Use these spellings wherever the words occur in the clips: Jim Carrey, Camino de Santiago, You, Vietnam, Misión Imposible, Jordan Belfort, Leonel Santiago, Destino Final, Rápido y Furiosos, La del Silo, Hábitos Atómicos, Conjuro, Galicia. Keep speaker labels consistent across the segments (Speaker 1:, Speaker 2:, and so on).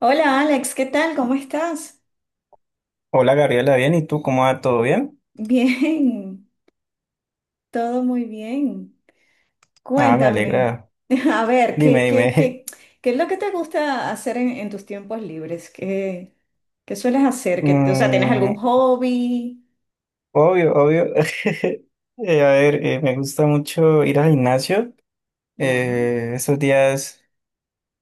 Speaker 1: Hola Alex, ¿qué tal? ¿Cómo estás?
Speaker 2: Hola Gabriela, bien, ¿y tú cómo va? ¿Todo bien?
Speaker 1: Bien, todo muy bien.
Speaker 2: Ah, me
Speaker 1: Cuéntame,
Speaker 2: alegra.
Speaker 1: a ver,
Speaker 2: Dime,
Speaker 1: ¿qué, qué,
Speaker 2: dime.
Speaker 1: qué, qué es lo que te gusta hacer en tus tiempos libres? ¿Qué sueles hacer? O sea, ¿tienes
Speaker 2: Mm,
Speaker 1: algún hobby?
Speaker 2: obvio, obvio. A ver, me gusta mucho ir al gimnasio.
Speaker 1: Ya.
Speaker 2: Estos días,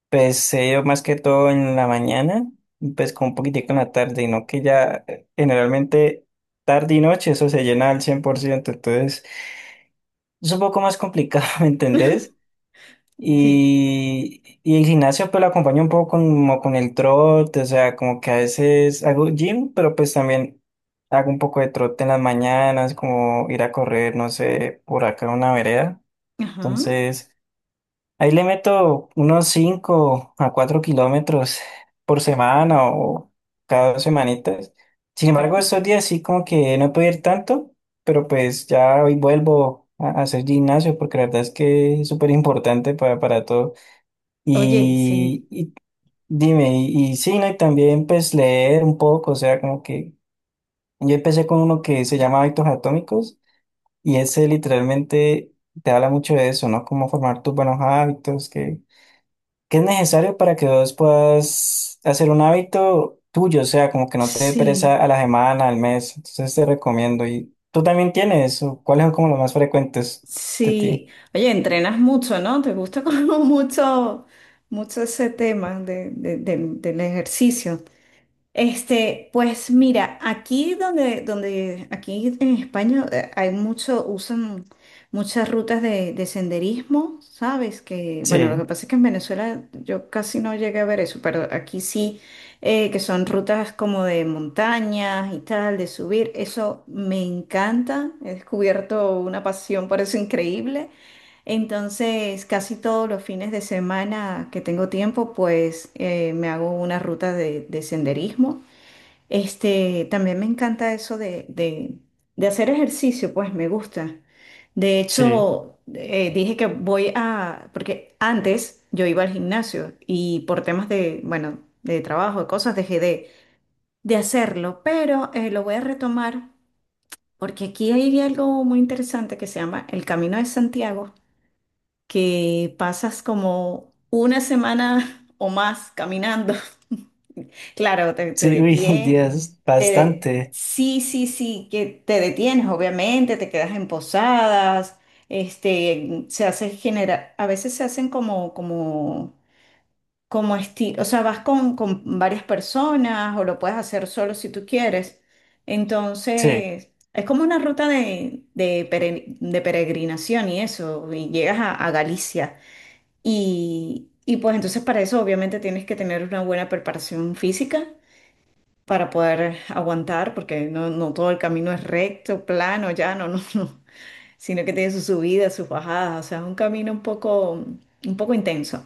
Speaker 2: pues he ido más que todo en la mañana, y, pues con un poquitico en la tarde, y no que ya generalmente tarde y noche eso se llena al 100%. Entonces es un poco más complicado, ¿me entendés?
Speaker 1: Sí.
Speaker 2: Y el gimnasio pues lo acompaña un poco como con el trote, o sea, como que a veces hago gym, pero pues también hago un poco de trote en las mañanas, como ir a correr, no sé, por acá en una vereda.
Speaker 1: Ajá.
Speaker 2: Entonces, ahí le meto unos 5 a 4 kilómetros por semana o cada 2 semanitas. Sin embargo,
Speaker 1: O-
Speaker 2: estos días sí como que no puedo ir tanto, pero pues ya hoy vuelvo a hacer gimnasio porque la verdad es que es súper importante para todo.
Speaker 1: Oye, sí,
Speaker 2: Y dime, y sí, ¿no? Y también pues leer un poco, o sea, como que yo empecé con uno que se llama Hábitos Atómicos y ese literalmente te habla mucho de eso, ¿no? Cómo formar tus buenos hábitos, que es necesario para que vos puedas hacer un hábito tuyo, o sea, como que no te dé
Speaker 1: sí,
Speaker 2: pereza a la semana, al mes. Entonces te recomiendo. ¿Y tú también tienes? ¿O cuáles son como los más frecuentes de
Speaker 1: sí.
Speaker 2: ti?
Speaker 1: Oye, entrenas mucho, ¿no? ¿Te gusta como mucho, mucho ese tema del ejercicio? Este, pues mira, aquí donde, aquí en España hay mucho, usan muchas rutas de senderismo, ¿sabes? Que, bueno, lo que
Speaker 2: Sí,
Speaker 1: pasa es que en Venezuela yo casi no llegué a ver eso, pero aquí sí, que son rutas como de montañas y tal, de subir, eso me encanta, he descubierto una pasión por eso increíble. Entonces, casi todos los fines de semana que tengo tiempo, pues me hago una ruta de senderismo. Este, también me encanta eso de hacer ejercicio, pues me gusta. De
Speaker 2: sí,
Speaker 1: hecho, dije que voy a, porque antes yo iba al gimnasio y por temas de, bueno, de trabajo, de cosas, dejé de hacerlo, pero lo voy a retomar porque aquí hay algo muy interesante que se llama el Camino de Santiago, que pasas como una semana o más caminando. Claro, te
Speaker 2: sí, uy,
Speaker 1: detiene,
Speaker 2: Dios, bastante.
Speaker 1: sí, sí, sí, que te detienes, obviamente, te quedas en posadas, este, a veces se hacen como, como estilo, o sea, vas con varias personas o lo puedes hacer solo si tú quieres.
Speaker 2: Sí,
Speaker 1: Entonces, es como una ruta de peregrinación y eso, y llegas a Galicia. Y pues entonces para eso obviamente tienes que tener una buena preparación física para poder aguantar, porque no, no todo el camino es recto, plano, llano, no, no, sino que tiene sus subidas, sus bajadas, o sea, es un camino un poco intenso.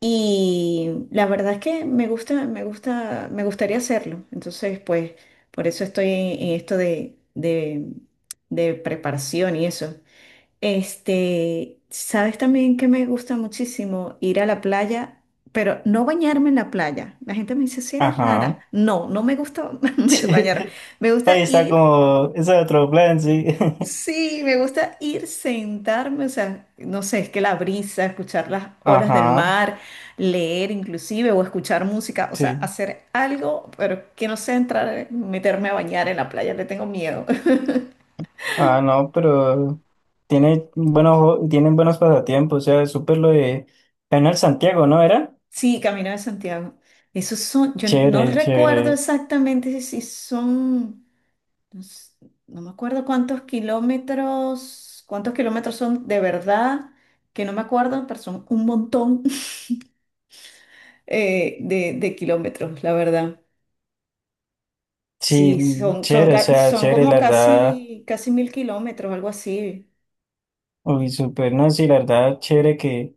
Speaker 1: Y la verdad es que me gusta, me gusta, me gustaría hacerlo. Entonces, pues, por eso estoy en esto de preparación y eso. Este, ¿sabes también que me gusta muchísimo ir a la playa, pero no bañarme en la playa? La gente me dice, si eres rara.
Speaker 2: ajá.
Speaker 1: No, no me gusta
Speaker 2: Sí.
Speaker 1: bañar. Me gusta
Speaker 2: Ahí está
Speaker 1: ir,
Speaker 2: como, ese otro plan, sí.
Speaker 1: sí, me gusta ir sentarme, o sea, no sé, es que la brisa, escuchar las olas del
Speaker 2: Ajá,
Speaker 1: mar, leer inclusive o escuchar música, o sea,
Speaker 2: sí.
Speaker 1: hacer algo, pero que no sea entrar, meterme a bañar en la playa, le tengo miedo.
Speaker 2: Ah, no, pero tienen buenos pasatiempos, o sea, súper lo de Leonel Santiago, ¿no era?
Speaker 1: Sí, Camino de Santiago. Esos son, yo no
Speaker 2: Chévere,
Speaker 1: recuerdo
Speaker 2: chévere.
Speaker 1: exactamente si son, no, no me acuerdo cuántos kilómetros son de verdad, que no me acuerdo, pero son un montón de kilómetros, la verdad.
Speaker 2: Sí,
Speaker 1: Sí, son, son,
Speaker 2: chévere, o
Speaker 1: ca-
Speaker 2: sea,
Speaker 1: son
Speaker 2: chévere,
Speaker 1: como
Speaker 2: la verdad.
Speaker 1: casi, casi 1000 kilómetros, algo así.
Speaker 2: Uy, súper, no, sí, la verdad, chévere que,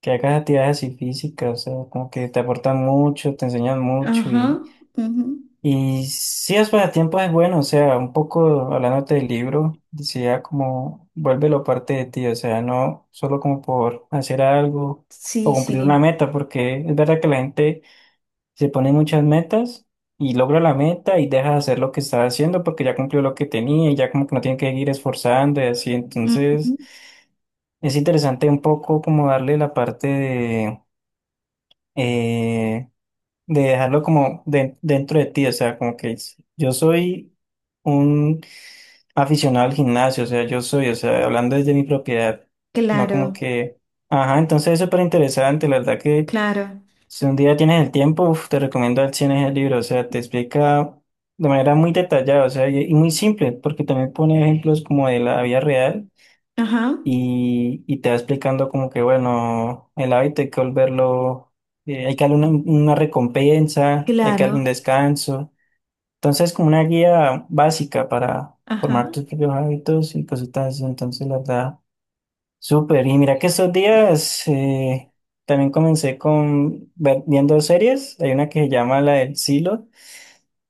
Speaker 2: que hagas actividades así físicas, o sea, como que te aportan mucho, te enseñan mucho.
Speaker 1: Ajá, ujú.
Speaker 2: Y sí, los pasatiempos es bueno, o sea, un poco hablándote del libro, decía como vuélvelo parte de ti, o sea, no solo como por hacer algo o
Speaker 1: Sí,
Speaker 2: cumplir una
Speaker 1: sí.
Speaker 2: meta, porque es verdad que la gente se pone muchas metas y logra la meta y deja de hacer lo que estaba haciendo porque ya cumplió lo que tenía y ya como que no tiene que seguir esforzando y así,
Speaker 1: Ujú.
Speaker 2: entonces es interesante un poco como darle la parte eh, de dejarlo como dentro de ti, o sea, como que yo soy un aficionado al gimnasio, o sea, yo soy, o sea, hablando desde mi propiedad, no como
Speaker 1: Claro,
Speaker 2: que, ajá, entonces es súper interesante, la verdad que
Speaker 1: claro.
Speaker 2: si un día tienes el tiempo, uf, te recomiendo al 100 ese libro, o sea, te explica de manera muy detallada, o sea, y muy simple, porque también pone ejemplos como de la vida real
Speaker 1: Ajá,
Speaker 2: y te va explicando como que, bueno, el hábito hay que volverlo, hay que darle una recompensa, hay que darle
Speaker 1: claro.
Speaker 2: un descanso. Entonces, como una guía básica para
Speaker 1: Ajá.
Speaker 2: formar tus propios hábitos y cositas así. Entonces, la verdad, súper. Y mira que estos días también comencé con viendo series. Hay una que se llama La del Silo.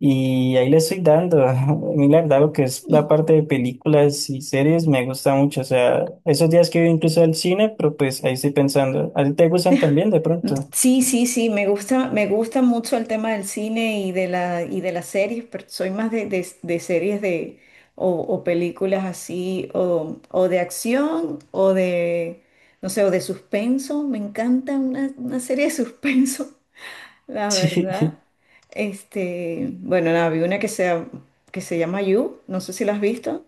Speaker 2: Y ahí le estoy dando. A mí, la verdad, lo que es la parte de películas y series me gusta mucho. O sea, esos días que voy incluso al cine, pero pues ahí estoy pensando. ¿A ti te gustan también de pronto?
Speaker 1: Sí, sí, sí, me gusta mucho el tema del cine y de la, y de las series, pero soy más de series o películas así, o de acción, o de, no sé, o de suspenso. Me encanta una serie de suspenso, la verdad.
Speaker 2: Sí.
Speaker 1: Este, bueno, nada, vi una que se llama You, no sé si la has visto.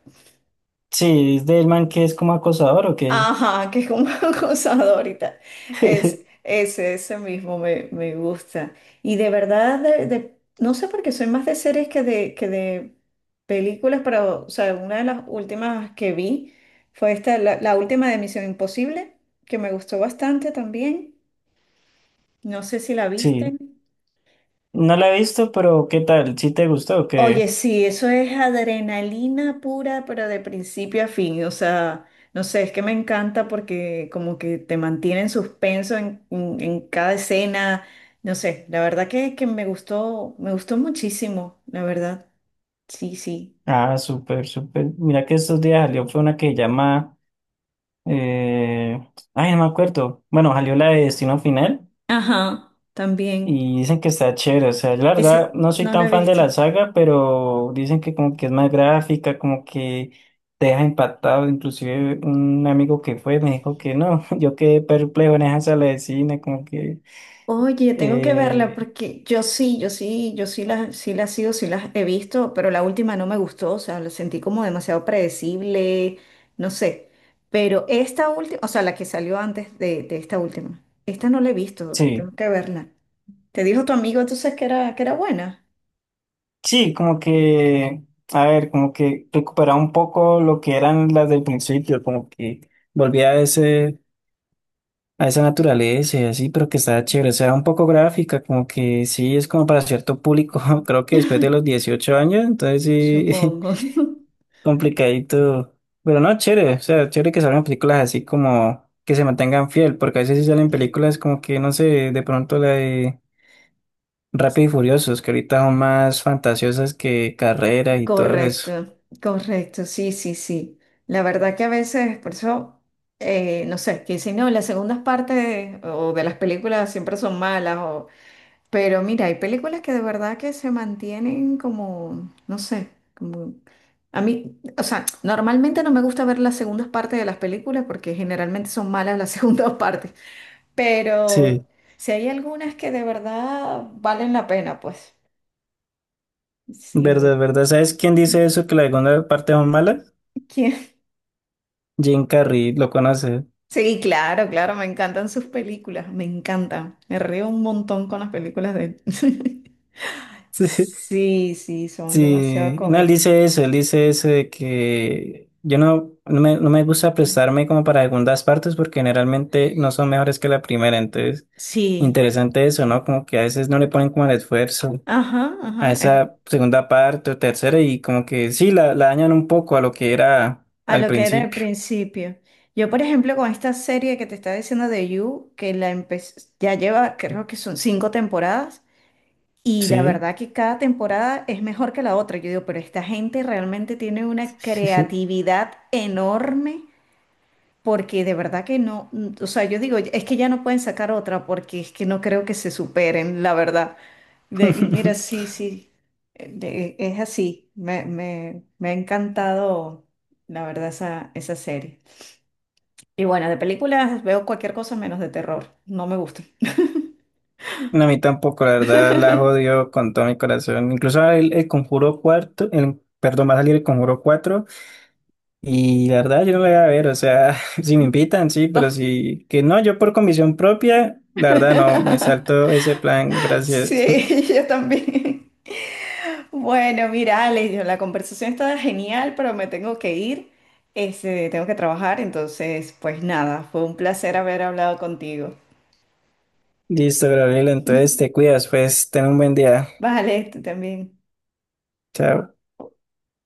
Speaker 2: Sí, es del man que es como acosador o qué.
Speaker 1: Ajá, que es como acosador ahorita. Es, ese mismo me, me gusta. Y de verdad, no sé por qué soy más de series que de películas, pero, o sea, una de las últimas que vi fue esta, la última de Misión Imposible, que me gustó bastante también. No sé si la viste.
Speaker 2: Sí, no la he visto, pero ¿qué tal? ¿Sí te gustó o
Speaker 1: Oye,
Speaker 2: qué?
Speaker 1: sí, eso es adrenalina pura, pero de principio a fin. O sea, no sé, es que me encanta porque como que te mantiene en suspenso en cada escena. No sé, la verdad que me gustó muchísimo, la verdad. Sí, sí.
Speaker 2: Ah, súper, súper. Mira que estos días salió, fue una que llama. eh, Ay, no me acuerdo. Bueno, salió la de Destino Final.
Speaker 1: Ajá, también.
Speaker 2: Y dicen que está chévere, o sea, yo la verdad
Speaker 1: Ese
Speaker 2: no soy
Speaker 1: no lo he
Speaker 2: tan fan de
Speaker 1: visto.
Speaker 2: la saga, pero dicen que como que es más gráfica, como que te deja impactado, inclusive un amigo que fue me dijo que no, yo quedé perplejo en esa sala de cine, como que,
Speaker 1: Oye, tengo que verla
Speaker 2: eh,
Speaker 1: porque yo sí, yo sí, yo sí las sigo, sí las he visto, pero la última no me gustó, o sea, la sentí como demasiado predecible, no sé. Pero esta última, o sea, la que salió antes de esta última, esta no la he visto,
Speaker 2: sí,
Speaker 1: tengo que verla. ¿Te dijo tu amigo entonces que era buena?
Speaker 2: sí, como que, a ver, como que recuperaba un poco lo que eran las del principio, como que volvía a ese a esa naturaleza y así, pero que está chévere, o sea, un poco gráfica, como que sí, es como para cierto público, creo que después de los 18 años, entonces sí,
Speaker 1: Supongo.
Speaker 2: complicadito, pero no, chévere, o sea, chévere que salgan películas así como que se mantengan fiel, porque a veces sí salen películas como que, no sé, de pronto la de Rápido y Furiosos, que ahorita son más fantasiosas que carreras y todo eso.
Speaker 1: Correcto, correcto, sí, sí, sí. La verdad que a veces, por eso, no sé, que dicen, no, las segundas partes o de las películas siempre son malas, o... pero mira, hay películas que de verdad que se mantienen como, no sé, como... A mí, o sea, normalmente no me gusta ver las segundas partes de las películas porque generalmente son malas las segundas partes, pero
Speaker 2: Sí,
Speaker 1: si hay algunas que de verdad valen la pena, pues sí, muy...
Speaker 2: verdad, verdad, ¿sabes quién dice eso, que la segunda parte son malas? Jim Carrey, lo conoce.
Speaker 1: Sí, claro, claro, me encantan sus películas, me encantan. Me río un montón con las películas de él. Sí, sí, son demasiado
Speaker 2: Sí, no,
Speaker 1: cómicas.
Speaker 2: él dice eso de que yo no, no me, gusta prestarme como para segundas partes porque generalmente no son mejores que la primera, entonces
Speaker 1: Sí,
Speaker 2: interesante eso, ¿no? Como que a veces no le ponen como el esfuerzo
Speaker 1: ajá,
Speaker 2: a
Speaker 1: ajá, es
Speaker 2: esa segunda parte o tercera y como que sí, la dañan un poco a lo que era
Speaker 1: a
Speaker 2: al
Speaker 1: lo que era el
Speaker 2: principio.
Speaker 1: principio. Yo, por ejemplo, con esta serie que te estaba diciendo de You, que la empecé, ya lleva, creo que son cinco temporadas, y la
Speaker 2: Sí,
Speaker 1: verdad que cada temporada es mejor que la otra. Yo digo, pero esta gente realmente tiene una
Speaker 2: sí, sí.
Speaker 1: creatividad enorme. Porque de verdad que no, o sea, yo digo, es que ya no pueden sacar otra porque es que no creo que se superen, la verdad. Y mira, sí, sí, es así. Me ha encantado, la verdad, esa serie. Y bueno, de películas veo cualquier cosa menos de terror. No me gusta.
Speaker 2: No, a mí tampoco, la verdad, la jodió con todo mi corazón. Incluso el Conjuro cuarto, perdón, va a salir el Conjuro cuatro. Y la verdad, yo no la voy a ver, o sea, si me invitan, sí,
Speaker 1: No.
Speaker 2: pero si que no, yo por convicción propia, la verdad no, me salto ese plan, gracias.
Speaker 1: Sí, yo también. Bueno, mira, Alex, yo- la conversación está genial, pero me tengo que ir. Este, tengo que trabajar, entonces, pues nada, fue un placer haber hablado contigo.
Speaker 2: Listo, Gabriel, entonces te cuidas, pues, ten un buen día.
Speaker 1: Vale, tú también.
Speaker 2: Chao.